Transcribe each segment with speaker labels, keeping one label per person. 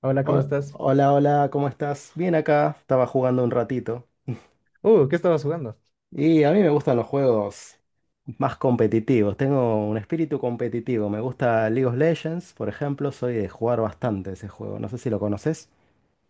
Speaker 1: Hola, ¿cómo estás?
Speaker 2: Hola, hola, ¿cómo estás? Bien acá, estaba jugando un ratito.
Speaker 1: ¿Qué estabas jugando?
Speaker 2: Y a mí me gustan los juegos más competitivos, tengo un espíritu competitivo. Me gusta League of Legends, por ejemplo, soy de jugar bastante ese juego, no sé si lo conoces.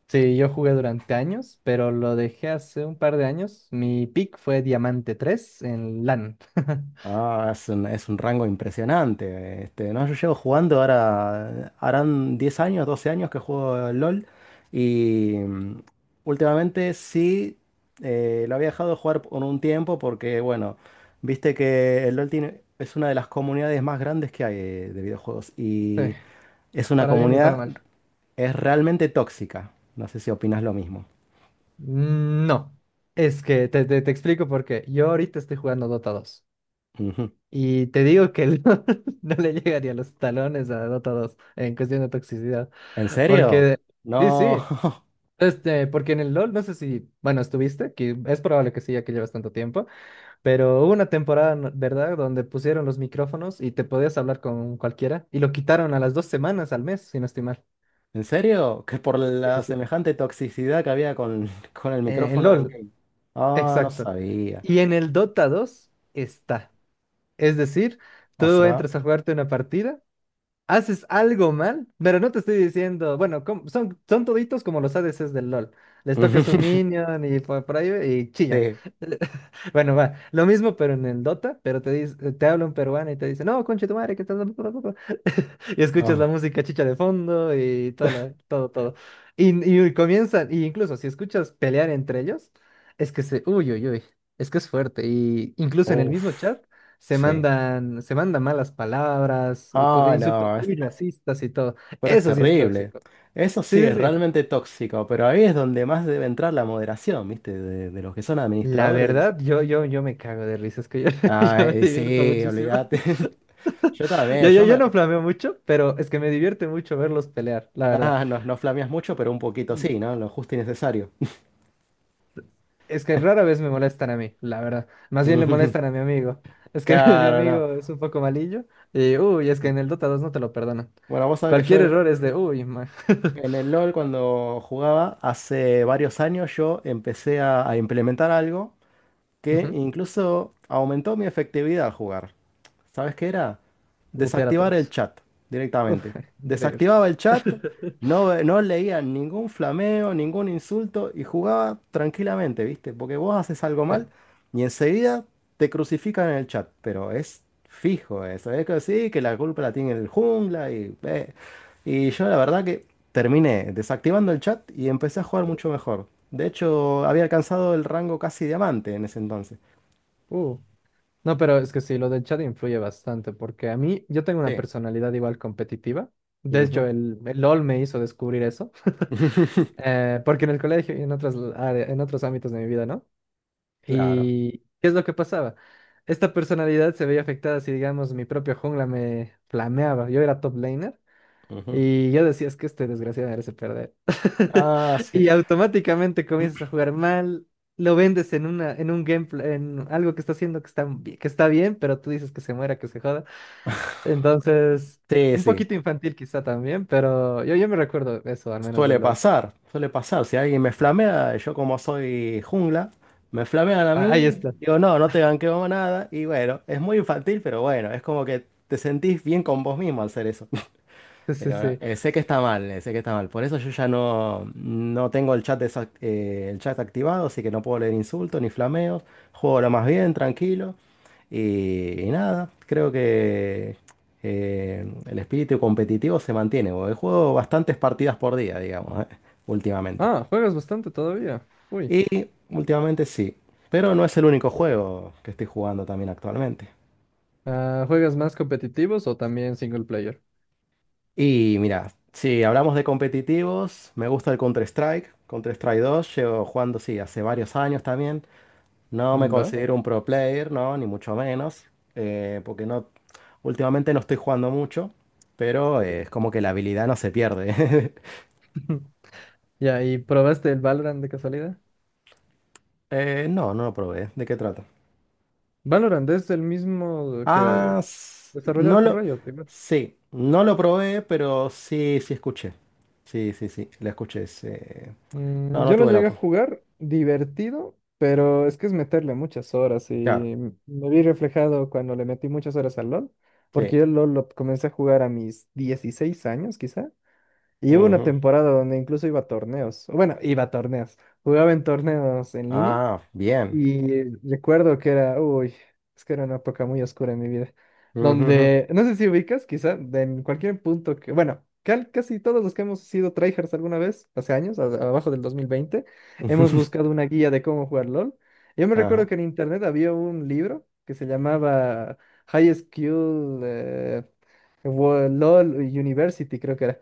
Speaker 1: Sí, yo jugué durante años, pero lo dejé hace un par de años. Mi pick fue Diamante 3 en LAN.
Speaker 2: Ah, es un rango impresionante. No, yo llevo jugando ahora, harán 10 años, 12 años que juego al LOL y últimamente sí, lo había dejado de jugar por un tiempo porque, bueno, viste que el LOL es una de las comunidades más grandes que hay, de videojuegos,
Speaker 1: Sí,
Speaker 2: y es una
Speaker 1: para bien y para
Speaker 2: comunidad,
Speaker 1: mal.
Speaker 2: es realmente tóxica. No sé si opinas lo mismo.
Speaker 1: No, es que te explico por qué. Yo ahorita estoy jugando Dota 2
Speaker 2: Ujú.
Speaker 1: y te digo que el LoL no le llega ni a los talones a Dota 2 en cuestión de toxicidad.
Speaker 2: ¿En serio?
Speaker 1: Porque, sí,
Speaker 2: No.
Speaker 1: sí, este, porque en el LoL, no sé si, bueno, estuviste, que es probable que sí, ya que llevas tanto tiempo. Pero hubo una temporada, ¿verdad?, donde pusieron los micrófonos y te podías hablar con cualquiera y lo quitaron a las 2 semanas, al mes, si no estoy mal.
Speaker 2: ¿En serio? Que por
Speaker 1: Sí, sí,
Speaker 2: la
Speaker 1: sí.
Speaker 2: semejante toxicidad que había con, con el
Speaker 1: En
Speaker 2: micrófono de
Speaker 1: LOL,
Speaker 2: in-game. Ah, no
Speaker 1: exacto.
Speaker 2: sabía.
Speaker 1: Y en el Dota 2 está. Es decir,
Speaker 2: O
Speaker 1: tú
Speaker 2: sea.
Speaker 1: entras a jugarte una partida, haces algo mal, pero no te estoy diciendo, bueno, son toditos como los ADCs del LOL. Les toca su minion y por ahí y chillan.
Speaker 2: Sí.
Speaker 1: Bueno, va, lo mismo pero en el Dota, pero te habla un peruano y te dice, no, conche tu madre, que estás... Y escuchas la
Speaker 2: No.
Speaker 1: música chicha de fondo y toda todo, todo. Y, y comienzan, y incluso si escuchas pelear entre ellos, es que uy, uy, uy, es que es fuerte. Y incluso en el mismo
Speaker 2: Uf.
Speaker 1: chat. Se
Speaker 2: Sí.
Speaker 1: mandan, se mandan malas palabras,
Speaker 2: Ah,
Speaker 1: insultos
Speaker 2: no,
Speaker 1: muy racistas y todo.
Speaker 2: pero es
Speaker 1: Eso sí es
Speaker 2: terrible.
Speaker 1: tóxico.
Speaker 2: Eso
Speaker 1: Sí,
Speaker 2: sí
Speaker 1: sí,
Speaker 2: es
Speaker 1: sí.
Speaker 2: realmente tóxico, pero ahí es donde más debe entrar la moderación, ¿viste? De los que son
Speaker 1: La
Speaker 2: administradores.
Speaker 1: verdad, yo me cago de risa, es que yo,
Speaker 2: Ah,
Speaker 1: yo me divierto
Speaker 2: sí,
Speaker 1: muchísimo.
Speaker 2: olvídate. Yo
Speaker 1: Yo,
Speaker 2: también,
Speaker 1: yo,
Speaker 2: yo
Speaker 1: yo
Speaker 2: me.
Speaker 1: no flameo mucho, pero es que me divierte mucho verlos pelear, la verdad.
Speaker 2: Ah, no, no flameas mucho, pero un poquito
Speaker 1: Mm.
Speaker 2: sí, ¿no? Lo justo y necesario.
Speaker 1: Es que rara vez me molestan a mí, la verdad. Más bien le molestan a mi amigo. Es que mi
Speaker 2: Claro, no.
Speaker 1: amigo es un poco malillo y, uy, es que en el Dota 2 no te lo perdonan.
Speaker 2: Bueno, vos sabés que
Speaker 1: Cualquier error es de, uy,
Speaker 2: en el LOL, cuando jugaba hace varios años, yo empecé a implementar algo que
Speaker 1: Ujú.
Speaker 2: incluso aumentó mi efectividad al jugar. ¿Sabes qué era?
Speaker 1: Mutear a
Speaker 2: Desactivar el
Speaker 1: todos.
Speaker 2: chat
Speaker 1: Uf,
Speaker 2: directamente.
Speaker 1: increíble.
Speaker 2: Desactivaba el chat, no, no leía ningún flameo, ningún insulto y jugaba tranquilamente, ¿viste? Porque vos haces algo
Speaker 1: Sí.
Speaker 2: mal y enseguida te crucifican en el chat, pero es fijo eso. Es que sí, que la culpa la tiene el jungla y... Y yo la verdad que terminé desactivando el chat y empecé a jugar mucho mejor. De hecho, había alcanzado el rango casi diamante en ese entonces.
Speaker 1: Uh, No, pero es que sí, lo del chat influye bastante, porque a mí, yo tengo una
Speaker 2: Sí.
Speaker 1: personalidad igual competitiva. De hecho,
Speaker 2: Ujú.
Speaker 1: el LOL me hizo descubrir eso, porque en el colegio y en en otros ámbitos de mi vida, ¿no?
Speaker 2: Claro.
Speaker 1: ¿Y qué es lo que pasaba? Esta personalidad se veía afectada si, digamos, mi propio jungla me flameaba. Yo era top laner.
Speaker 2: Ujú.
Speaker 1: Y yo decía, es que este desgraciado merece perder.
Speaker 2: Ah, sí.
Speaker 1: Y automáticamente comienzas a jugar mal, lo vendes en en un gameplay, en algo que está haciendo que está, que está bien, pero tú dices que se muera, que se joda. Entonces,
Speaker 2: Sí,
Speaker 1: un
Speaker 2: sí.
Speaker 1: poquito infantil quizá también, pero yo me recuerdo eso, al menos del
Speaker 2: Suele
Speaker 1: LOL.
Speaker 2: pasar, suele pasar. Si alguien me flamea, yo como soy jungla, me flamean a
Speaker 1: Ah, ahí
Speaker 2: mí,
Speaker 1: está.
Speaker 2: digo, no, no te ganqueo nada. Y bueno, es muy infantil, pero bueno, es como que te sentís bien con vos mismo al hacer eso.
Speaker 1: Sí, sí,
Speaker 2: Pero
Speaker 1: sí.
Speaker 2: sé que está mal, sé que está mal. Por eso yo ya no tengo el chat, el chat activado, así que no puedo leer insultos ni flameos. Juego lo más bien, tranquilo. Y nada, creo que el espíritu competitivo se mantiene, porque juego bastantes partidas por día, digamos, últimamente.
Speaker 1: Ah, juegas bastante todavía. Uy.
Speaker 2: Y últimamente sí. Pero no es el único juego que estoy jugando también actualmente.
Speaker 1: Ah, ¿juegas más competitivos o también single player?
Speaker 2: Y mira, si hablamos de competitivos, me gusta el Counter-Strike, Counter-Strike dos, llevo jugando, sí, hace varios años también. No me
Speaker 1: Mm, ¿va?
Speaker 2: considero un pro player, no, ni mucho menos, porque no, últimamente no estoy jugando mucho, pero es como que la habilidad no se pierde.
Speaker 1: Ya, ¿y probaste el Valorant de casualidad?
Speaker 2: No, no lo probé. ¿De qué trata?
Speaker 1: Valorant es el mismo que
Speaker 2: Ah,
Speaker 1: Desarrollado por Riot, primero.
Speaker 2: sí, no lo probé, pero sí, sí escuché. Sí, sí, sí, la escuché. Sí. No,
Speaker 1: Mm,
Speaker 2: no
Speaker 1: yo lo
Speaker 2: tuve la...
Speaker 1: llegué a jugar divertido, pero es que es meterle muchas horas
Speaker 2: Claro,
Speaker 1: y me vi reflejado cuando le metí muchas horas al LoL,
Speaker 2: sí.
Speaker 1: porque yo el LoL lo comencé a jugar a mis 16 años quizá, y hubo una
Speaker 2: Ujú.
Speaker 1: temporada donde incluso iba a torneos, bueno, iba a torneos, jugaba en torneos en línea.
Speaker 2: Ah, bien.
Speaker 1: Y recuerdo que era, uy, es que era una época muy oscura en mi vida,
Speaker 2: Ujujú.
Speaker 1: donde, no sé si ubicas, quizá, de en cualquier punto que, bueno, casi todos los que hemos sido tryhards alguna vez, hace años, abajo del 2020 hemos buscado una guía de cómo jugar LOL. Yo me recuerdo
Speaker 2: Ajá,
Speaker 1: que en internet había un libro que se llamaba High School LOL University, creo que era.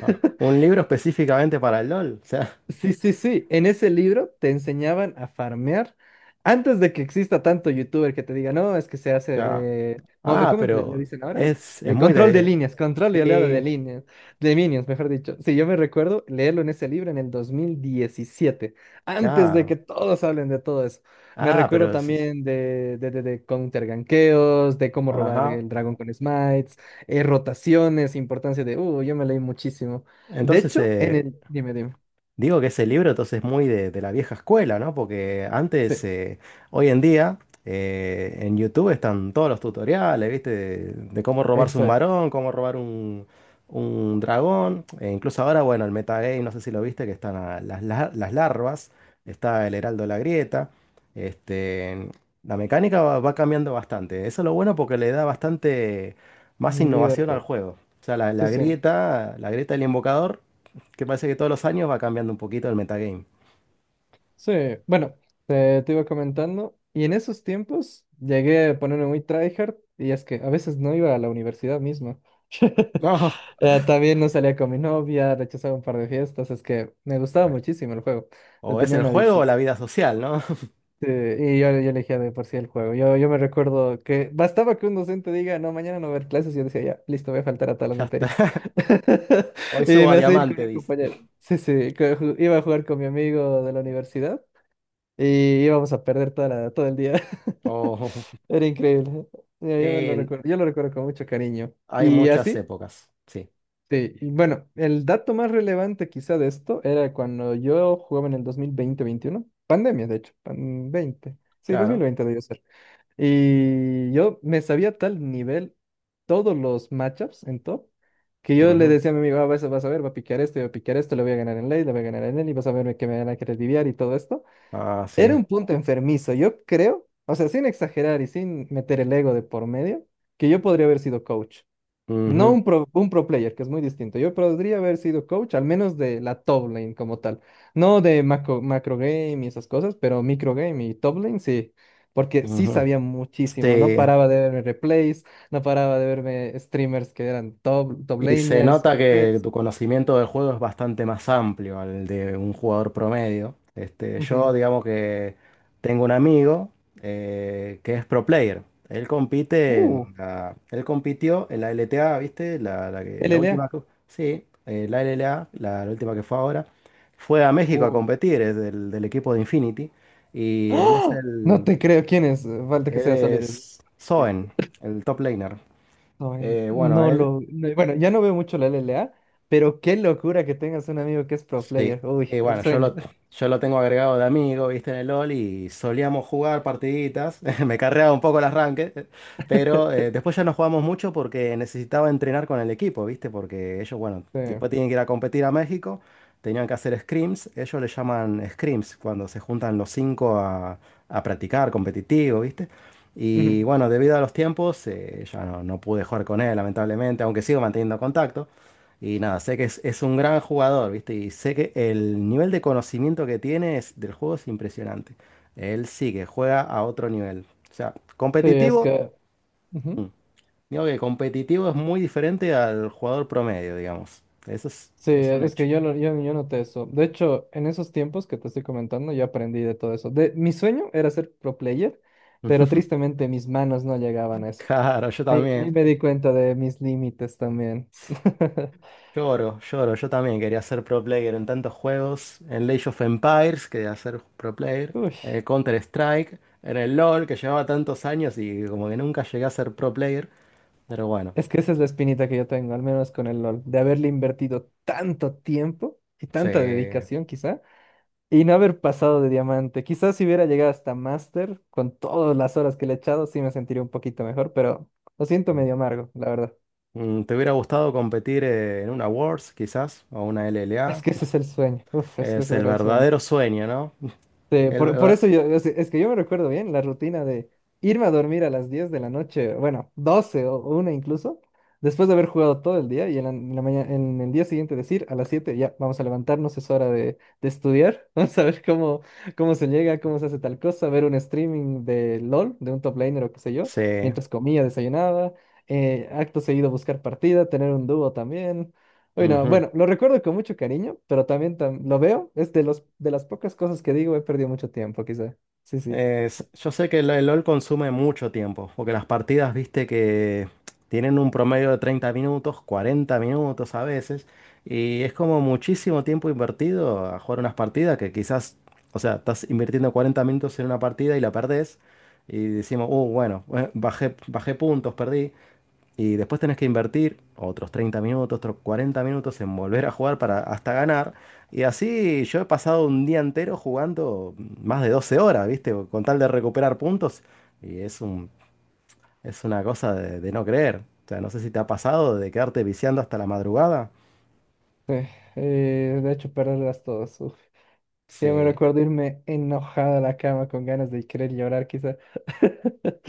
Speaker 2: ajá. Un libro específicamente para el LOL. O sea,
Speaker 1: Sí, sí, sí. En ese libro te enseñaban a farmear antes de que exista tanto youtuber que te diga, no, es que se
Speaker 2: ya.
Speaker 1: hace,
Speaker 2: Ah,
Speaker 1: ¿cómo le
Speaker 2: pero
Speaker 1: dicen ahora?
Speaker 2: es muy
Speaker 1: Control de
Speaker 2: de...
Speaker 1: líneas, control y oleada de
Speaker 2: Sí,
Speaker 1: líneas, de minions, mejor dicho. Sí, yo me recuerdo leerlo en ese libro en el 2017, antes de
Speaker 2: claro.
Speaker 1: que todos hablen de todo eso. Me
Speaker 2: Ah, pero...
Speaker 1: recuerdo también de counter ganqueos, de cómo robar
Speaker 2: Ajá.
Speaker 1: el dragón con smites, rotaciones, importancia de, yo me leí muchísimo. De
Speaker 2: Entonces,
Speaker 1: hecho, en
Speaker 2: eh,
Speaker 1: el, dime, dime.
Speaker 2: digo que ese libro entonces es muy de la vieja escuela, ¿no? Porque
Speaker 1: Sí.
Speaker 2: antes, hoy en día, en YouTube están todos los tutoriales, ¿viste? De cómo robarse un
Speaker 1: Exacto,
Speaker 2: varón, cómo robar un dragón. E incluso ahora, bueno, el metagame, no sé si lo viste, que están las larvas, está el Heraldo de la Grieta. Este, la mecánica va cambiando bastante. Eso es lo bueno porque le da bastante más
Speaker 1: un
Speaker 2: innovación al
Speaker 1: videojuego.
Speaker 2: juego. O sea, la,
Speaker 1: Sí,
Speaker 2: la
Speaker 1: sí,
Speaker 2: grieta, la grieta del invocador, que parece que todos los años va cambiando un poquito el metagame.
Speaker 1: sí. Bueno, te iba comentando. Y en esos tiempos llegué a ponerme muy tryhard y es que a veces no iba a la universidad misma.
Speaker 2: No,
Speaker 1: También no salía con mi novia, rechazaba un par de fiestas, es que me
Speaker 2: qué
Speaker 1: gustaba
Speaker 2: mal.
Speaker 1: muchísimo el juego, le
Speaker 2: O es
Speaker 1: tenía
Speaker 2: el
Speaker 1: una
Speaker 2: juego o
Speaker 1: adicción.
Speaker 2: la vida social, ¿no?
Speaker 1: Sí, y yo elegía de por sí el juego. Yo me recuerdo que bastaba que un docente diga, no, mañana no va a haber clases. Y yo decía, ya, listo, voy a faltar a todas las
Speaker 2: Ya
Speaker 1: materias.
Speaker 2: está. Hoy
Speaker 1: Y
Speaker 2: subo a
Speaker 1: me hacía ir con
Speaker 2: diamante,
Speaker 1: un
Speaker 2: dice.
Speaker 1: compañero. Sí, sí, que iba a jugar con mi amigo de la universidad y íbamos a perder toda todo el día.
Speaker 2: O
Speaker 1: Era increíble. Yo me lo
Speaker 2: sí,
Speaker 1: recuerdo, yo lo recuerdo con mucho cariño.
Speaker 2: hay
Speaker 1: ¿Y
Speaker 2: muchas
Speaker 1: así?
Speaker 2: épocas. Sí,
Speaker 1: Sí, y bueno, el dato más relevante quizá de esto era cuando yo jugaba en el dos mil veinte veintiuno, pandemia, de hecho, pan 20 sí, dos mil
Speaker 2: claro.
Speaker 1: veinte debió ser. Y yo me sabía a tal nivel todos los matchups en top, que yo le
Speaker 2: Ujú.
Speaker 1: decía a mi amigo, "Ah, vas a ver, va a piquear esto, y va a piquear esto, le voy a ganar en late, le voy a ganar en él y vas a ver que me van a querer diviar y todo esto".
Speaker 2: Ah,
Speaker 1: Era
Speaker 2: sí.
Speaker 1: un punto enfermizo, yo creo, o sea, sin exagerar y sin meter el ego de por medio, que yo podría haber sido coach. No
Speaker 2: Ujú,
Speaker 1: un pro player, que es muy distinto. Yo podría haber sido coach, al menos de la top lane como tal. No de macro game y esas cosas, pero micro game y top lane sí. Porque sí
Speaker 2: ujú.
Speaker 1: sabía muchísimo. No
Speaker 2: Sí.
Speaker 1: paraba de verme replays, no paraba de verme streamers que eran top
Speaker 2: Y se
Speaker 1: laners,
Speaker 2: nota que
Speaker 1: OPPs.
Speaker 2: tu conocimiento del juego es bastante más amplio al de un jugador promedio.
Speaker 1: Ujú.
Speaker 2: Yo digamos que tengo un amigo, que es pro player.
Speaker 1: Uh,
Speaker 2: Él compitió en la LTA, ¿viste? La última,
Speaker 1: LLA.
Speaker 2: sí, la LLA, la última que fue ahora. Fue a México a
Speaker 1: Uy.
Speaker 2: competir, es del equipo de Infinity. Y él es
Speaker 1: ¡Ah! No
Speaker 2: el,
Speaker 1: te creo quién es. Falta que
Speaker 2: él
Speaker 1: sea Solid.
Speaker 2: es
Speaker 1: Snake.
Speaker 2: Zoen, el top laner.
Speaker 1: No,
Speaker 2: Bueno,
Speaker 1: no
Speaker 2: él.
Speaker 1: lo. Bueno, ya no veo mucho la LLA, pero qué locura que tengas un amigo que es pro
Speaker 2: Sí,
Speaker 1: player. Uy,
Speaker 2: y
Speaker 1: el
Speaker 2: bueno, yo
Speaker 1: sueño.
Speaker 2: lo, yo lo tengo agregado de amigo, viste, en el LOL y solíamos jugar partiditas. Me carreaba un poco el arranque, pero después ya no jugamos mucho porque necesitaba entrenar con el equipo, viste, porque ellos, bueno,
Speaker 1: Sí,
Speaker 2: después tienen que ir a competir a México, tenían que hacer scrims, ellos le llaman scrims cuando se juntan los cinco a practicar competitivo, viste.
Speaker 1: ujú.
Speaker 2: Y bueno, debido a los tiempos, ya no pude jugar con él, lamentablemente, aunque sigo manteniendo contacto. Y nada, sé que es un gran jugador, ¿viste? Y sé que el nivel de conocimiento que tiene del juego es impresionante. Él sí que juega a otro nivel. O sea,
Speaker 1: Sí, es
Speaker 2: competitivo,
Speaker 1: que, ujú.
Speaker 2: mm, digo que competitivo es muy diferente al jugador promedio, digamos. Eso es,
Speaker 1: Sí,
Speaker 2: es un
Speaker 1: es
Speaker 2: hecho.
Speaker 1: que yo noté eso. De hecho, en esos tiempos que te estoy comentando, yo aprendí de todo eso. Mi sueño era ser pro player, pero tristemente mis manos no llegaban a eso.
Speaker 2: Claro, yo
Speaker 1: Ahí
Speaker 2: también.
Speaker 1: me di cuenta de mis límites también.
Speaker 2: Lloro, lloro. Yo también quería ser pro player en tantos juegos. En Age of Empires quería ser pro player.
Speaker 1: Uy.
Speaker 2: En el Counter-Strike. En el LoL que llevaba tantos años y como que nunca llegué a ser pro player. Pero bueno.
Speaker 1: Es que esa es la espinita que yo tengo, al menos con el LOL, de haberle invertido tanto tiempo y
Speaker 2: Sí.
Speaker 1: tanta dedicación quizá, y no haber pasado de diamante. Quizás si hubiera llegado hasta máster, con todas las horas que le he echado, sí me sentiría un poquito mejor, pero lo siento medio amargo, la verdad.
Speaker 2: ¿Te hubiera gustado competir, en una Worlds, quizás, o una
Speaker 1: Es
Speaker 2: LLA?
Speaker 1: que ese es el sueño. Uf, es que
Speaker 2: Es
Speaker 1: ese
Speaker 2: el
Speaker 1: era el sueño.
Speaker 2: verdadero sueño, ¿no?
Speaker 1: Sí,
Speaker 2: El
Speaker 1: por
Speaker 2: ver-
Speaker 1: eso yo, es que yo me recuerdo bien la rutina de irme a dormir a las 10 de la noche, bueno, 12 o una incluso, después de haber jugado todo el día y en la mañana, en el día siguiente decir, a las siete, ya, vamos a levantarnos, es hora de, estudiar, vamos a ver cómo se llega, cómo se hace tal cosa, ver un streaming de LOL, de un top laner o qué sé yo,
Speaker 2: Sí.
Speaker 1: mientras comía, desayunaba, acto seguido buscar partida, tener un dúo también. Bueno,
Speaker 2: Ujú.
Speaker 1: bueno, lo recuerdo con mucho cariño, pero también lo veo. Es de los de las pocas cosas que digo, he perdido mucho tiempo, quizá. Sí, sí.
Speaker 2: Yo sé que el LOL consume mucho tiempo, porque las partidas, viste, que tienen un promedio de 30 minutos, 40 minutos a veces, y es como muchísimo tiempo invertido a jugar unas partidas que quizás, o sea, estás invirtiendo 40 minutos en una partida y la perdés, y decimos, oh, bueno, bajé puntos, perdí. Y después tenés que invertir otros 30 minutos, otros 40 minutos en volver a jugar para hasta ganar. Y así yo he pasado un día entero jugando más de 12 horas, ¿viste? Con tal de recuperar puntos. Y es una cosa de no creer. O sea, no sé si te ha pasado de quedarte viciando hasta la madrugada.
Speaker 1: De hecho, perderlas todas. Uf. Yo me
Speaker 2: Sí.
Speaker 1: recuerdo irme enojada a la cama con ganas de querer llorar, quizá.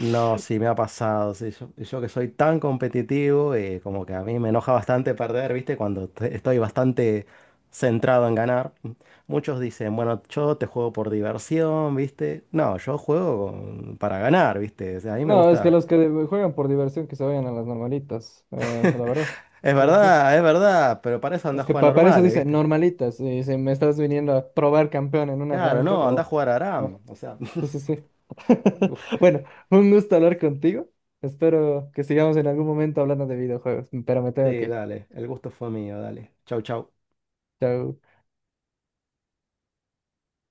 Speaker 2: No, sí me ha pasado. Sí, yo que soy tan competitivo, como que a mí me enoja bastante perder, ¿viste? Cuando estoy bastante centrado en ganar. Muchos dicen, bueno, yo te juego por diversión, ¿viste? No, yo juego para ganar, ¿viste? O sea, a mí me
Speaker 1: No, es que
Speaker 2: gusta.
Speaker 1: los que juegan por diversión que se vayan a las normalitas, la verdad. Sí, sí, sí.
Speaker 2: Es verdad, pero para eso anda
Speaker 1: Es
Speaker 2: a
Speaker 1: que
Speaker 2: jugar
Speaker 1: para eso
Speaker 2: normales,
Speaker 1: dice
Speaker 2: ¿viste?
Speaker 1: normalitas, y si me estás viniendo a probar campeón en un
Speaker 2: Claro,
Speaker 1: arranque,
Speaker 2: no, anda a
Speaker 1: o
Speaker 2: jugar a Aram.
Speaker 1: no.
Speaker 2: O sea,
Speaker 1: Sí, sí, sí. Bueno, un gusto hablar contigo. Espero que sigamos en algún momento hablando de videojuegos, pero me tengo
Speaker 2: sí,
Speaker 1: que ir.
Speaker 2: dale, el gusto fue mío, dale. Chau, chau.
Speaker 1: Chao.